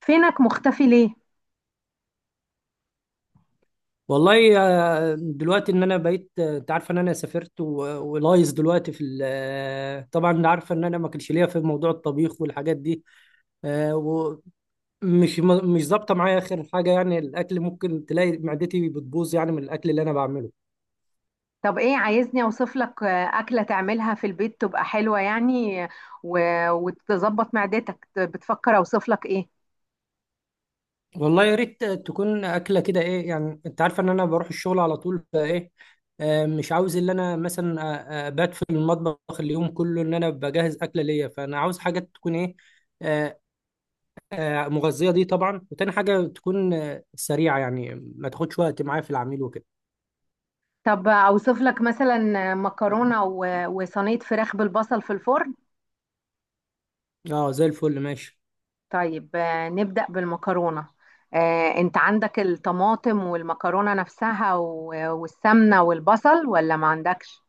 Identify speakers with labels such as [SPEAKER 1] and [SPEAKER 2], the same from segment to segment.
[SPEAKER 1] فينك مختفي ليه؟
[SPEAKER 2] والله، دلوقتي ان انا بقيت، انت عارفه ان انا سافرت ولايز دلوقتي في طبعا انت عارفه ان انا ما كانش ليا في موضوع الطبيخ والحاجات دي. آه، ومش مش ظابطه معايا اخر حاجه، يعني الاكل ممكن تلاقي معدتي بتبوظ يعني من الاكل اللي انا بعمله.
[SPEAKER 1] طب ايه عايزني اوصف لك اكله تعملها في البيت تبقى حلوه يعني و... وتظبط معدتك بتفكر اوصف لك ايه؟
[SPEAKER 2] والله يا ريت، تكون اكله كده، ايه يعني، انت عارفه ان انا بروح الشغل على طول فايه. مش عاوز ان انا مثلا بات في المطبخ اليوم كله ان انا بجهز اكله ليا، فانا عاوز حاجات تكون ايه، آه، مغذيه دي طبعا، وتاني حاجه تكون سريعه، يعني ما تاخدش وقت معايا في العميل وكده.
[SPEAKER 1] طب اوصف لك مثلا مكرونه وصينيه فراخ بالبصل في الفرن؟
[SPEAKER 2] اه، زي الفل ماشي.
[SPEAKER 1] طيب نبدا بالمكرونه. انت عندك الطماطم والمكرونه نفسها والسمنه والبصل ولا ما عندكش؟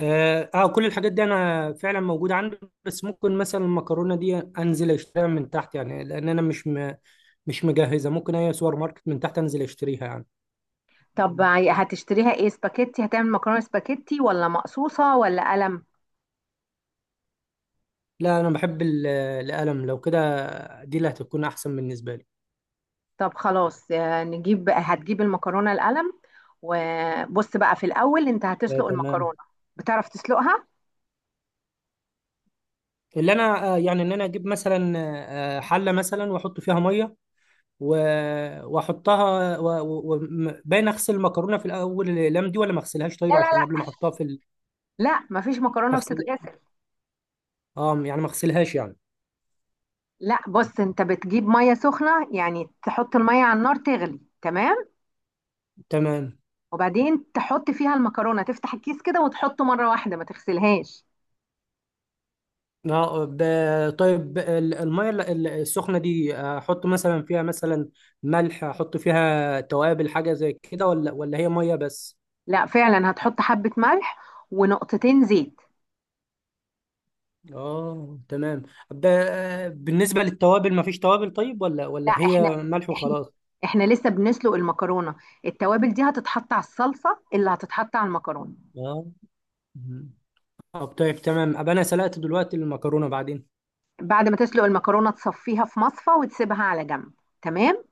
[SPEAKER 2] اه، كل الحاجات دي انا فعلا موجوده عندي. بس ممكن مثلا المكرونه دي انزل اشتريها من تحت، يعني لان انا مش مجهزه. ممكن اي سوبر ماركت من تحت انزل اشتريها يعني.
[SPEAKER 1] طب هتشتريها ايه، سباكيتي؟ هتعمل مكرونه سباكيتي ولا مقصوصه ولا قلم؟
[SPEAKER 2] لا، انا بحب القلم. لو كده دي اللي هتكون احسن بالنسبه لي.
[SPEAKER 1] طب خلاص، هتجيب المكرونة القلم. وبص بقى، في الأول أنت هتسلق
[SPEAKER 2] تمام.
[SPEAKER 1] المكرونة. بتعرف تسلقها؟
[SPEAKER 2] اللي انا يعني ان انا اجيب مثلا حله مثلا واحط فيها ميه، واحطها، باين اغسل المكرونه في الاول الاقلام دي، ولا ما اغسلهاش؟
[SPEAKER 1] لا،
[SPEAKER 2] طيب
[SPEAKER 1] لا،
[SPEAKER 2] عشان قبل ما
[SPEAKER 1] لا،
[SPEAKER 2] احطها في
[SPEAKER 1] لا، مفيش مكرونة
[SPEAKER 2] بغسل.
[SPEAKER 1] بتتغسل.
[SPEAKER 2] اه، يعني ما اغسلهاش يعني.
[SPEAKER 1] لا، بص، أنت بتجيب مية سخنة، يعني تحط المية على النار تغلي تمام،
[SPEAKER 2] تمام.
[SPEAKER 1] وبعدين تحط فيها المكرونة، تفتح الكيس كده وتحطه مرة واحدة، ما تغسلهاش.
[SPEAKER 2] اه، طيب، الميه السخنه دي، احط مثلا فيها مثلا ملح، احط فيها توابل، حاجه زي كده، ولا هي ميه بس؟
[SPEAKER 1] لا، فعلا هتحط حبة ملح ونقطتين زيت.
[SPEAKER 2] اه، تمام. ب... بالنسبه للتوابل ما فيش توابل، طيب؟ ولا
[SPEAKER 1] لا،
[SPEAKER 2] هي ملح
[SPEAKER 1] احنا
[SPEAKER 2] وخلاص؟
[SPEAKER 1] احنا لسه بنسلق المكرونة. التوابل دي هتتحط على الصلصة اللي هتتحط على المكرونة.
[SPEAKER 2] اه. مم. طيب تمام، ابقى انا سلقت دلوقتي المكرونه، بعدين؟
[SPEAKER 1] بعد ما تسلق المكرونه تصفيها في مصفى وتسيبها على جنب. تمام.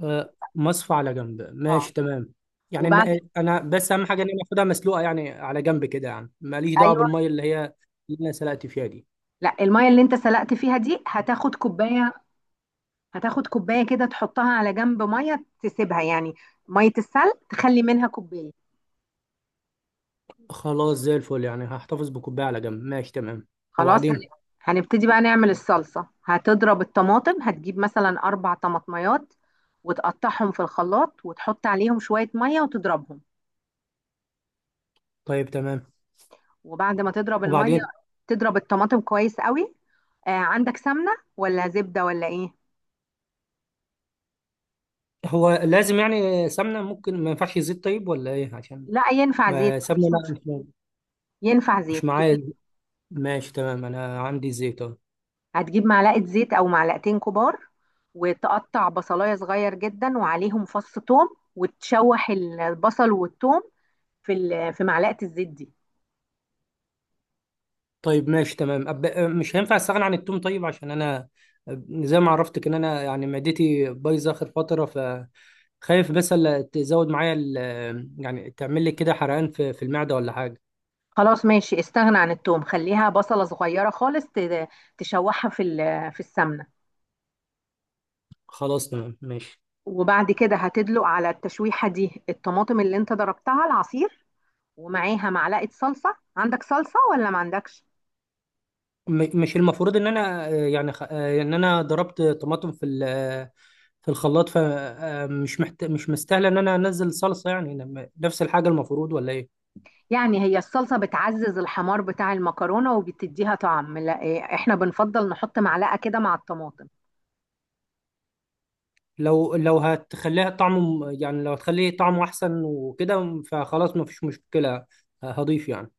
[SPEAKER 2] مصفى على جنب،
[SPEAKER 1] اه،
[SPEAKER 2] ماشي تمام. يعني إن
[SPEAKER 1] وبعد
[SPEAKER 2] انا بس اهم حاجه ان انا اخدها مسلوقه، يعني على جنب كده، يعني ماليش دعوه
[SPEAKER 1] ايوه.
[SPEAKER 2] بالميه اللي هي اللي انا سلقت فيها دي.
[SPEAKER 1] لا، الميه اللي انت سلقت فيها دي هتاخد كوبايه. هتاخد كوبايه كده تحطها على جنب، ميه تسيبها يعني، ميه السلق تخلي منها كوبايه.
[SPEAKER 2] خلاص، زي الفل، يعني هحتفظ بكوبايه على جنب، ماشي تمام.
[SPEAKER 1] خلاص.
[SPEAKER 2] وبعدين؟
[SPEAKER 1] هنبتدي بقى نعمل الصلصه. هتضرب الطماطم، هتجيب مثلا اربع طماطميات وتقطعهم في الخلاط وتحط عليهم شويه ميه وتضربهم.
[SPEAKER 2] طيب تمام،
[SPEAKER 1] وبعد ما تضرب الميه
[SPEAKER 2] وبعدين؟
[SPEAKER 1] تضرب الطماطم كويس قوي. عندك سمنه ولا زبده ولا ايه؟
[SPEAKER 2] هو لازم يعني سمنه؟ ممكن ما ينفعش زيت طيب، ولا ايه؟ عشان
[SPEAKER 1] لا، ينفع زيت،
[SPEAKER 2] ما سمنه،
[SPEAKER 1] مفيش
[SPEAKER 2] لا،
[SPEAKER 1] مشكله.
[SPEAKER 2] مش
[SPEAKER 1] ينفع
[SPEAKER 2] مش
[SPEAKER 1] زيت،
[SPEAKER 2] معايا. ماشي تمام، انا عندي زيت أهو.
[SPEAKER 1] هتجيب معلقه زيت او معلقتين كبار، وتقطع بصلايه صغير جدا وعليهم فص ثوم، وتشوح البصل والثوم في معلقه الزيت دي.
[SPEAKER 2] طيب ماشي تمام. أب... أه، مش هينفع استغنى عن التوم طيب، عشان انا زي ما عرفتك، ان انا يعني معدتي بايظه اخر فتره، فخايف بس لا تزود معايا يعني تعمل لي كده حرقان في المعده ولا حاجه.
[SPEAKER 1] خلاص ماشي، استغنى عن الثوم، خليها بصله صغيره خالص، تشوحها في السمنه.
[SPEAKER 2] خلاص تمام، ماشي.
[SPEAKER 1] وبعد كده هتدلق على التشويحه دي الطماطم اللي انت ضربتها العصير، ومعاها معلقة صلصة. عندك صلصة ولا ما عندكش؟
[SPEAKER 2] مش المفروض ان انا يعني خ... آه، ان انا ضربت طماطم في ال... آه، في الخلاط، فمش مش مستاهله ان انا انزل صلصه يعني، نفس الحاجه المفروض، ولا ايه؟
[SPEAKER 1] يعني هي الصلصة بتعزز الحمار بتاع المكرونة وبتديها طعم، لا إيه، احنا بنفضل نحط معلقة كده مع الطماطم.
[SPEAKER 2] لو هتخليها طعمه، يعني لو هتخليه طعمه احسن وكده، فخلاص مفيش مشكله، هضيف يعني.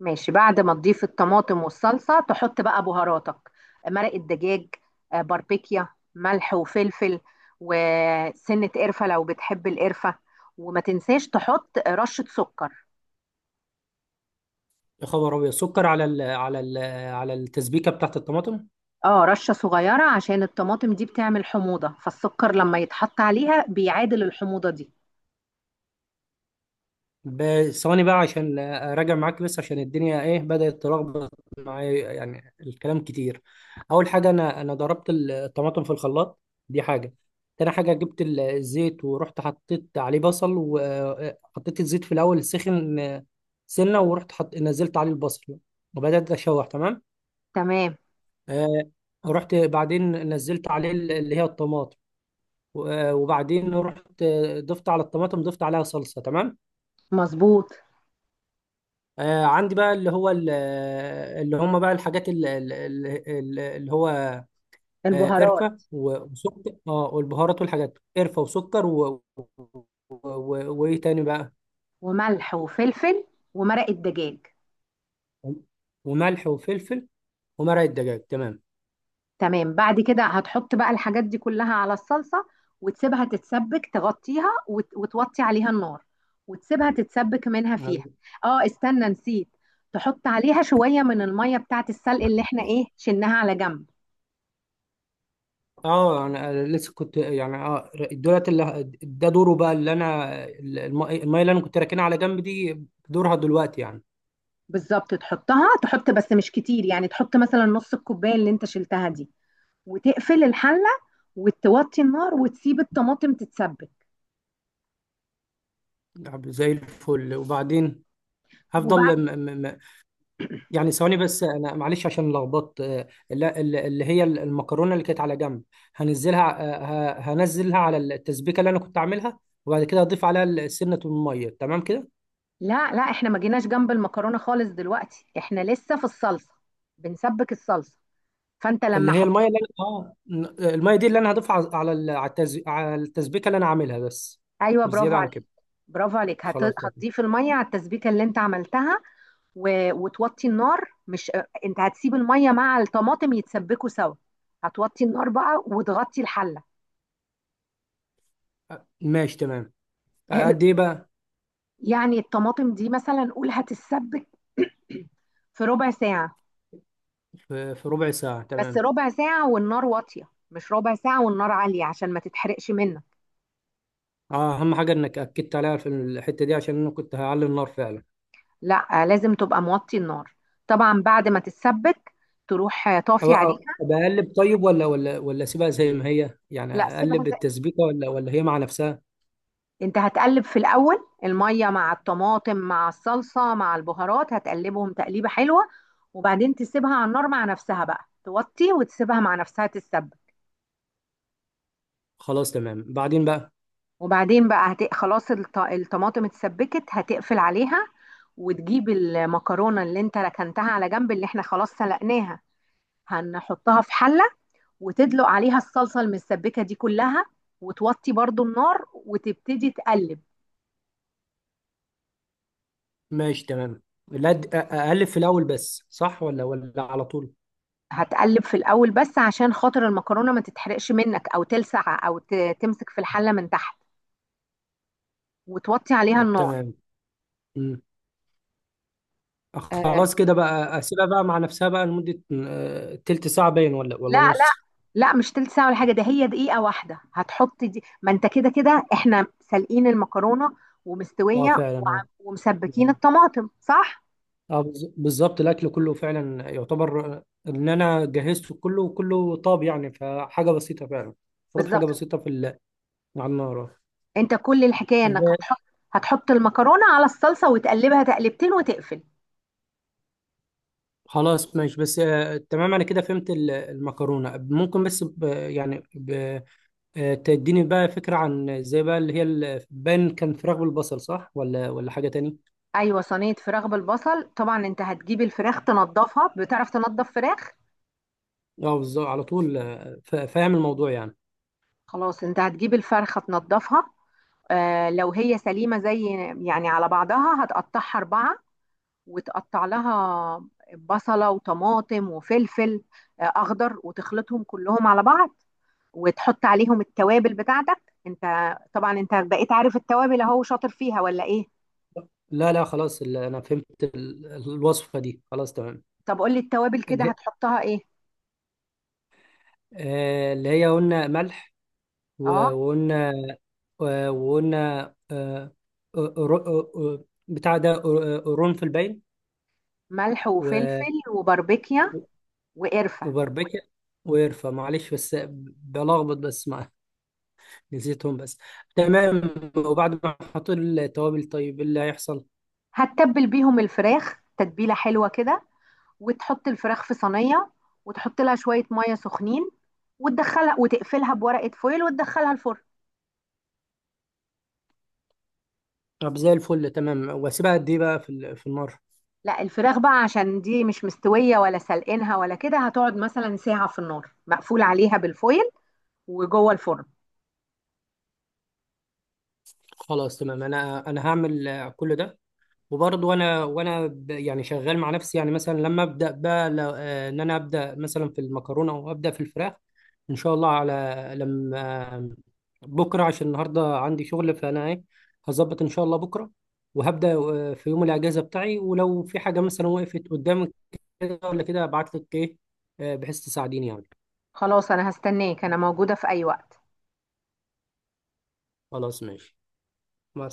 [SPEAKER 1] ماشي، بعد ما تضيف الطماطم والصلصة تحط بقى بهاراتك، مرق الدجاج، باربيكيا، ملح وفلفل، وسنة قرفة لو بتحب القرفة، وما تنساش تحط رشة سكر.
[SPEAKER 2] يا خبر ابيض! سكر على التسبيكه بتاعت الطماطم؟
[SPEAKER 1] اه، رشة صغيرة عشان الطماطم دي بتعمل حموضة، فالسكر لما يتحط عليها بيعادل الحموضة دي.
[SPEAKER 2] ثواني بقى، عشان اراجع معاك بس، عشان الدنيا ايه بدأت تلخبط معايا، يعني الكلام كتير. اول حاجه، انا ضربت الطماطم في الخلاط، دي حاجه. تاني حاجه، جبت الزيت، ورحت حطيت عليه بصل، وحطيت الزيت في الاول سخن سنه، ورحت نزلت عليه البصل، وبدأت اشوح، تمام.
[SPEAKER 1] تمام،
[SPEAKER 2] آه، رحت بعدين نزلت عليه اللي هي الطماطم، وبعدين رحت ضفت على الطماطم، ضفت عليها صلصه، تمام.
[SPEAKER 1] مظبوط.
[SPEAKER 2] عندي بقى اللي هو اللي هم بقى الحاجات اللي هو
[SPEAKER 1] البهارات
[SPEAKER 2] قرفة وسكر، اه، والبهارات والحاجات، قرفة وسكر وايه تاني بقى؟
[SPEAKER 1] وملح وفلفل ومرق الدجاج،
[SPEAKER 2] وملح وفلفل ومرق الدجاج، تمام.
[SPEAKER 1] تمام. بعد كده هتحط بقى الحاجات دي كلها على الصلصة، وتسيبها تتسبك، تغطيها وتوطي عليها النار وتسيبها تتسبك منها فيها. اه، استنى نسيت، تحط عليها شوية من المية بتاعت السلق اللي احنا ايه شلناها على جنب.
[SPEAKER 2] اه، انا لسه كنت يعني، اه، دولت اللي ده دوره بقى، اللي انا الميه اللي انا كنت راكنها على جنب دي، دورها دلوقتي يعني.
[SPEAKER 1] بالظبط، تحط بس مش كتير، يعني تحط مثلا نص الكوباية اللي انت شلتها دي، وتقفل الحلة وتوطي النار وتسيب الطماطم تتسبك.
[SPEAKER 2] طب زي الفل، وبعدين هفضل،
[SPEAKER 1] وبعد
[SPEAKER 2] يعني ثواني بس، انا معلش، عشان لخبطت. لا، اللي هي المكرونه اللي كانت على جنب، هنزلها، هنزلها على التسبيكه اللي انا كنت عاملها، وبعد كده هضيف عليها سنه الميه، تمام كده.
[SPEAKER 1] لا، لا، احنا ما جيناش جنب المكرونه خالص دلوقتي، احنا لسه في الصلصه، بنسبك الصلصه. فانت
[SPEAKER 2] اللي
[SPEAKER 1] لما
[SPEAKER 2] هي الميه
[SPEAKER 1] حطيت.
[SPEAKER 2] اللي انا، اه، الميه دي اللي انا هضيفها على على ال- على التز- على التسبيكه اللي انا عاملها بس،
[SPEAKER 1] ايوه،
[SPEAKER 2] مش
[SPEAKER 1] برافو
[SPEAKER 2] زياده عن
[SPEAKER 1] عليك.
[SPEAKER 2] كده.
[SPEAKER 1] برافو عليك،
[SPEAKER 2] خلاص تمام.
[SPEAKER 1] هتضيف الميه على التسبيكه اللي انت عملتها وتوطي النار. مش انت هتسيب الميه مع الطماطم يتسبكوا سوا، هتوطي النار بقى وتغطي الحله.
[SPEAKER 2] ماشي تمام. قد ايه بقى؟
[SPEAKER 1] يعني الطماطم دي مثلا قول هتتسبك في ربع ساعه،
[SPEAKER 2] في ربع ساعه،
[SPEAKER 1] بس
[SPEAKER 2] تمام.
[SPEAKER 1] ربع ساعه والنار واطيه، مش ربع ساعه والنار عاليه عشان ما تتحرقش منك.
[SPEAKER 2] اه، اهم حاجه انك اكدت عليها في الحته دي، عشان انا كنت هعلي النار فعلا.
[SPEAKER 1] لا، لازم تبقى موطي النار. طبعا بعد ما تتسبك تروح طافي
[SPEAKER 2] هو
[SPEAKER 1] عليها.
[SPEAKER 2] بقلب، طيب؟ ولا اسيبها زي ما هي، يعني
[SPEAKER 1] لا سيبها
[SPEAKER 2] اقلب
[SPEAKER 1] زي.
[SPEAKER 2] التسبيكه، ولا هي مع نفسها؟
[SPEAKER 1] انت هتقلب في الاول الميه مع الطماطم مع الصلصه مع البهارات، هتقلبهم تقليبه حلوه، وبعدين تسيبها على النار مع نفسها بقى، توطي وتسيبها مع نفسها تتسبك.
[SPEAKER 2] خلاص تمام، بعدين بقى؟
[SPEAKER 1] وبعدين بقى خلاص الطماطم اتسبكت، هتقفل عليها وتجيب المكرونه اللي انت ركنتها على جنب، اللي احنا خلاص سلقناها، هنحطها في حله وتدلق عليها الصلصة المسبكة دي كلها، وتوطي برضو النار وتبتدي تقلب.
[SPEAKER 2] ماشي تمام. لا، اقلب في الاول بس، صح؟ ولا على طول؟
[SPEAKER 1] هتقلب في الأول بس عشان خاطر المكرونة ما تتحرقش منك، أو تلسع أو تمسك في الحلة من تحت، وتوطي عليها
[SPEAKER 2] طب
[SPEAKER 1] النار.
[SPEAKER 2] تمام. مم.
[SPEAKER 1] آه.
[SPEAKER 2] خلاص كده بقى، اسيبها بقى مع نفسها بقى لمده تلت ساعه باين؟ ولا
[SPEAKER 1] لا، لا،
[SPEAKER 2] نص؟
[SPEAKER 1] لا، مش تلت ساعة ولا حاجة، ده هي دقيقة واحدة. هتحط دي، ما انت كده كده احنا سالقين المكرونة
[SPEAKER 2] اه،
[SPEAKER 1] ومستوية،
[SPEAKER 2] فعلا، اه.
[SPEAKER 1] ومسبكين الطماطم، صح؟
[SPEAKER 2] اه، بالظبط، الاكل كله فعلا يعتبر ان انا جهزته كله، وكله طاب يعني، فحاجه بسيطه فعلا، المفروض حاجه
[SPEAKER 1] بالظبط.
[SPEAKER 2] بسيطه على النار.
[SPEAKER 1] انت كل الحكاية انك هتحط المكرونة على الصلصة وتقلبها تقلبتين وتقفل.
[SPEAKER 2] خلاص، ماشي بس، تمام، انا كده فهمت المكرونه، ممكن بس، ب يعني ب آه، تديني بقى فكره عن زي بقى اللي هي بان كان فراخ بالبصل، صح؟ ولا حاجه تاني؟
[SPEAKER 1] ايوه، صينيه فراخ بالبصل. طبعا انت هتجيب الفراخ تنضفها. بتعرف تنضف فراخ؟
[SPEAKER 2] اه، بالظبط، على طول، فاهم الموضوع يعني.
[SPEAKER 1] خلاص، انت هتجيب الفرخه تنضفها، لو هي سليمه زي، يعني على بعضها، هتقطعها اربعه، وتقطع لها بصله وطماطم وفلفل اخضر، وتخلطهم كلهم على بعض وتحط عليهم التوابل بتاعتك انت. طبعا انت بقيت عارف التوابل، اهو شاطر فيها ولا ايه؟
[SPEAKER 2] لا لا، خلاص انا فهمت الوصفه دي، خلاص تمام.
[SPEAKER 1] طب قولي التوابل كده
[SPEAKER 2] اللي هي،
[SPEAKER 1] هتحطها ايه؟
[SPEAKER 2] اللي هي قلنا ملح،
[SPEAKER 1] اه،
[SPEAKER 2] وقلنا، وقلنا، آه، بتاع ده، قرنفل،
[SPEAKER 1] ملح
[SPEAKER 2] باين،
[SPEAKER 1] وفلفل وباربيكيا وقرفه.
[SPEAKER 2] وبربكة، وقرفة. معلش بس بلخبط بس مع نسيتهم بس. تمام. وبعد ما احط التوابل، طيب إيه اللي هيحصل؟
[SPEAKER 1] هتتبل بيهم الفراخ تتبيلة حلوة كده، وتحط الفراخ في صينية وتحط لها شوية مية سخنين وتدخلها وتقفلها بورقة فويل وتدخلها الفرن.
[SPEAKER 2] طب زي الفل، تمام، واسيبها قد ايه بقى في النار؟
[SPEAKER 1] لا، الفراخ بقى عشان دي مش مستوية ولا سلقينها ولا كده، هتقعد مثلا ساعة في النار مقفول عليها بالفويل وجوه الفرن.
[SPEAKER 2] خلاص تمام، انا هعمل كل ده. وبرضه انا، وانا يعني شغال مع نفسي، يعني مثلا لما ابدا بقى ان انا ابدا مثلا في المكرونه او ابدا في الفراخ، ان شاء الله، على لما، بكره عشان النهارده عندي شغل، فانا ايه، هظبط ان شاء الله بكره، وهبدا في يوم الاجازه بتاعي، ولو في حاجه مثلا وقفت قدامك كده ولا كده، ابعت لك ايه، بحيث تساعديني يعني.
[SPEAKER 1] خلاص، انا هستناك، انا موجودة في اي وقت.
[SPEAKER 2] خلاص ماشي، مع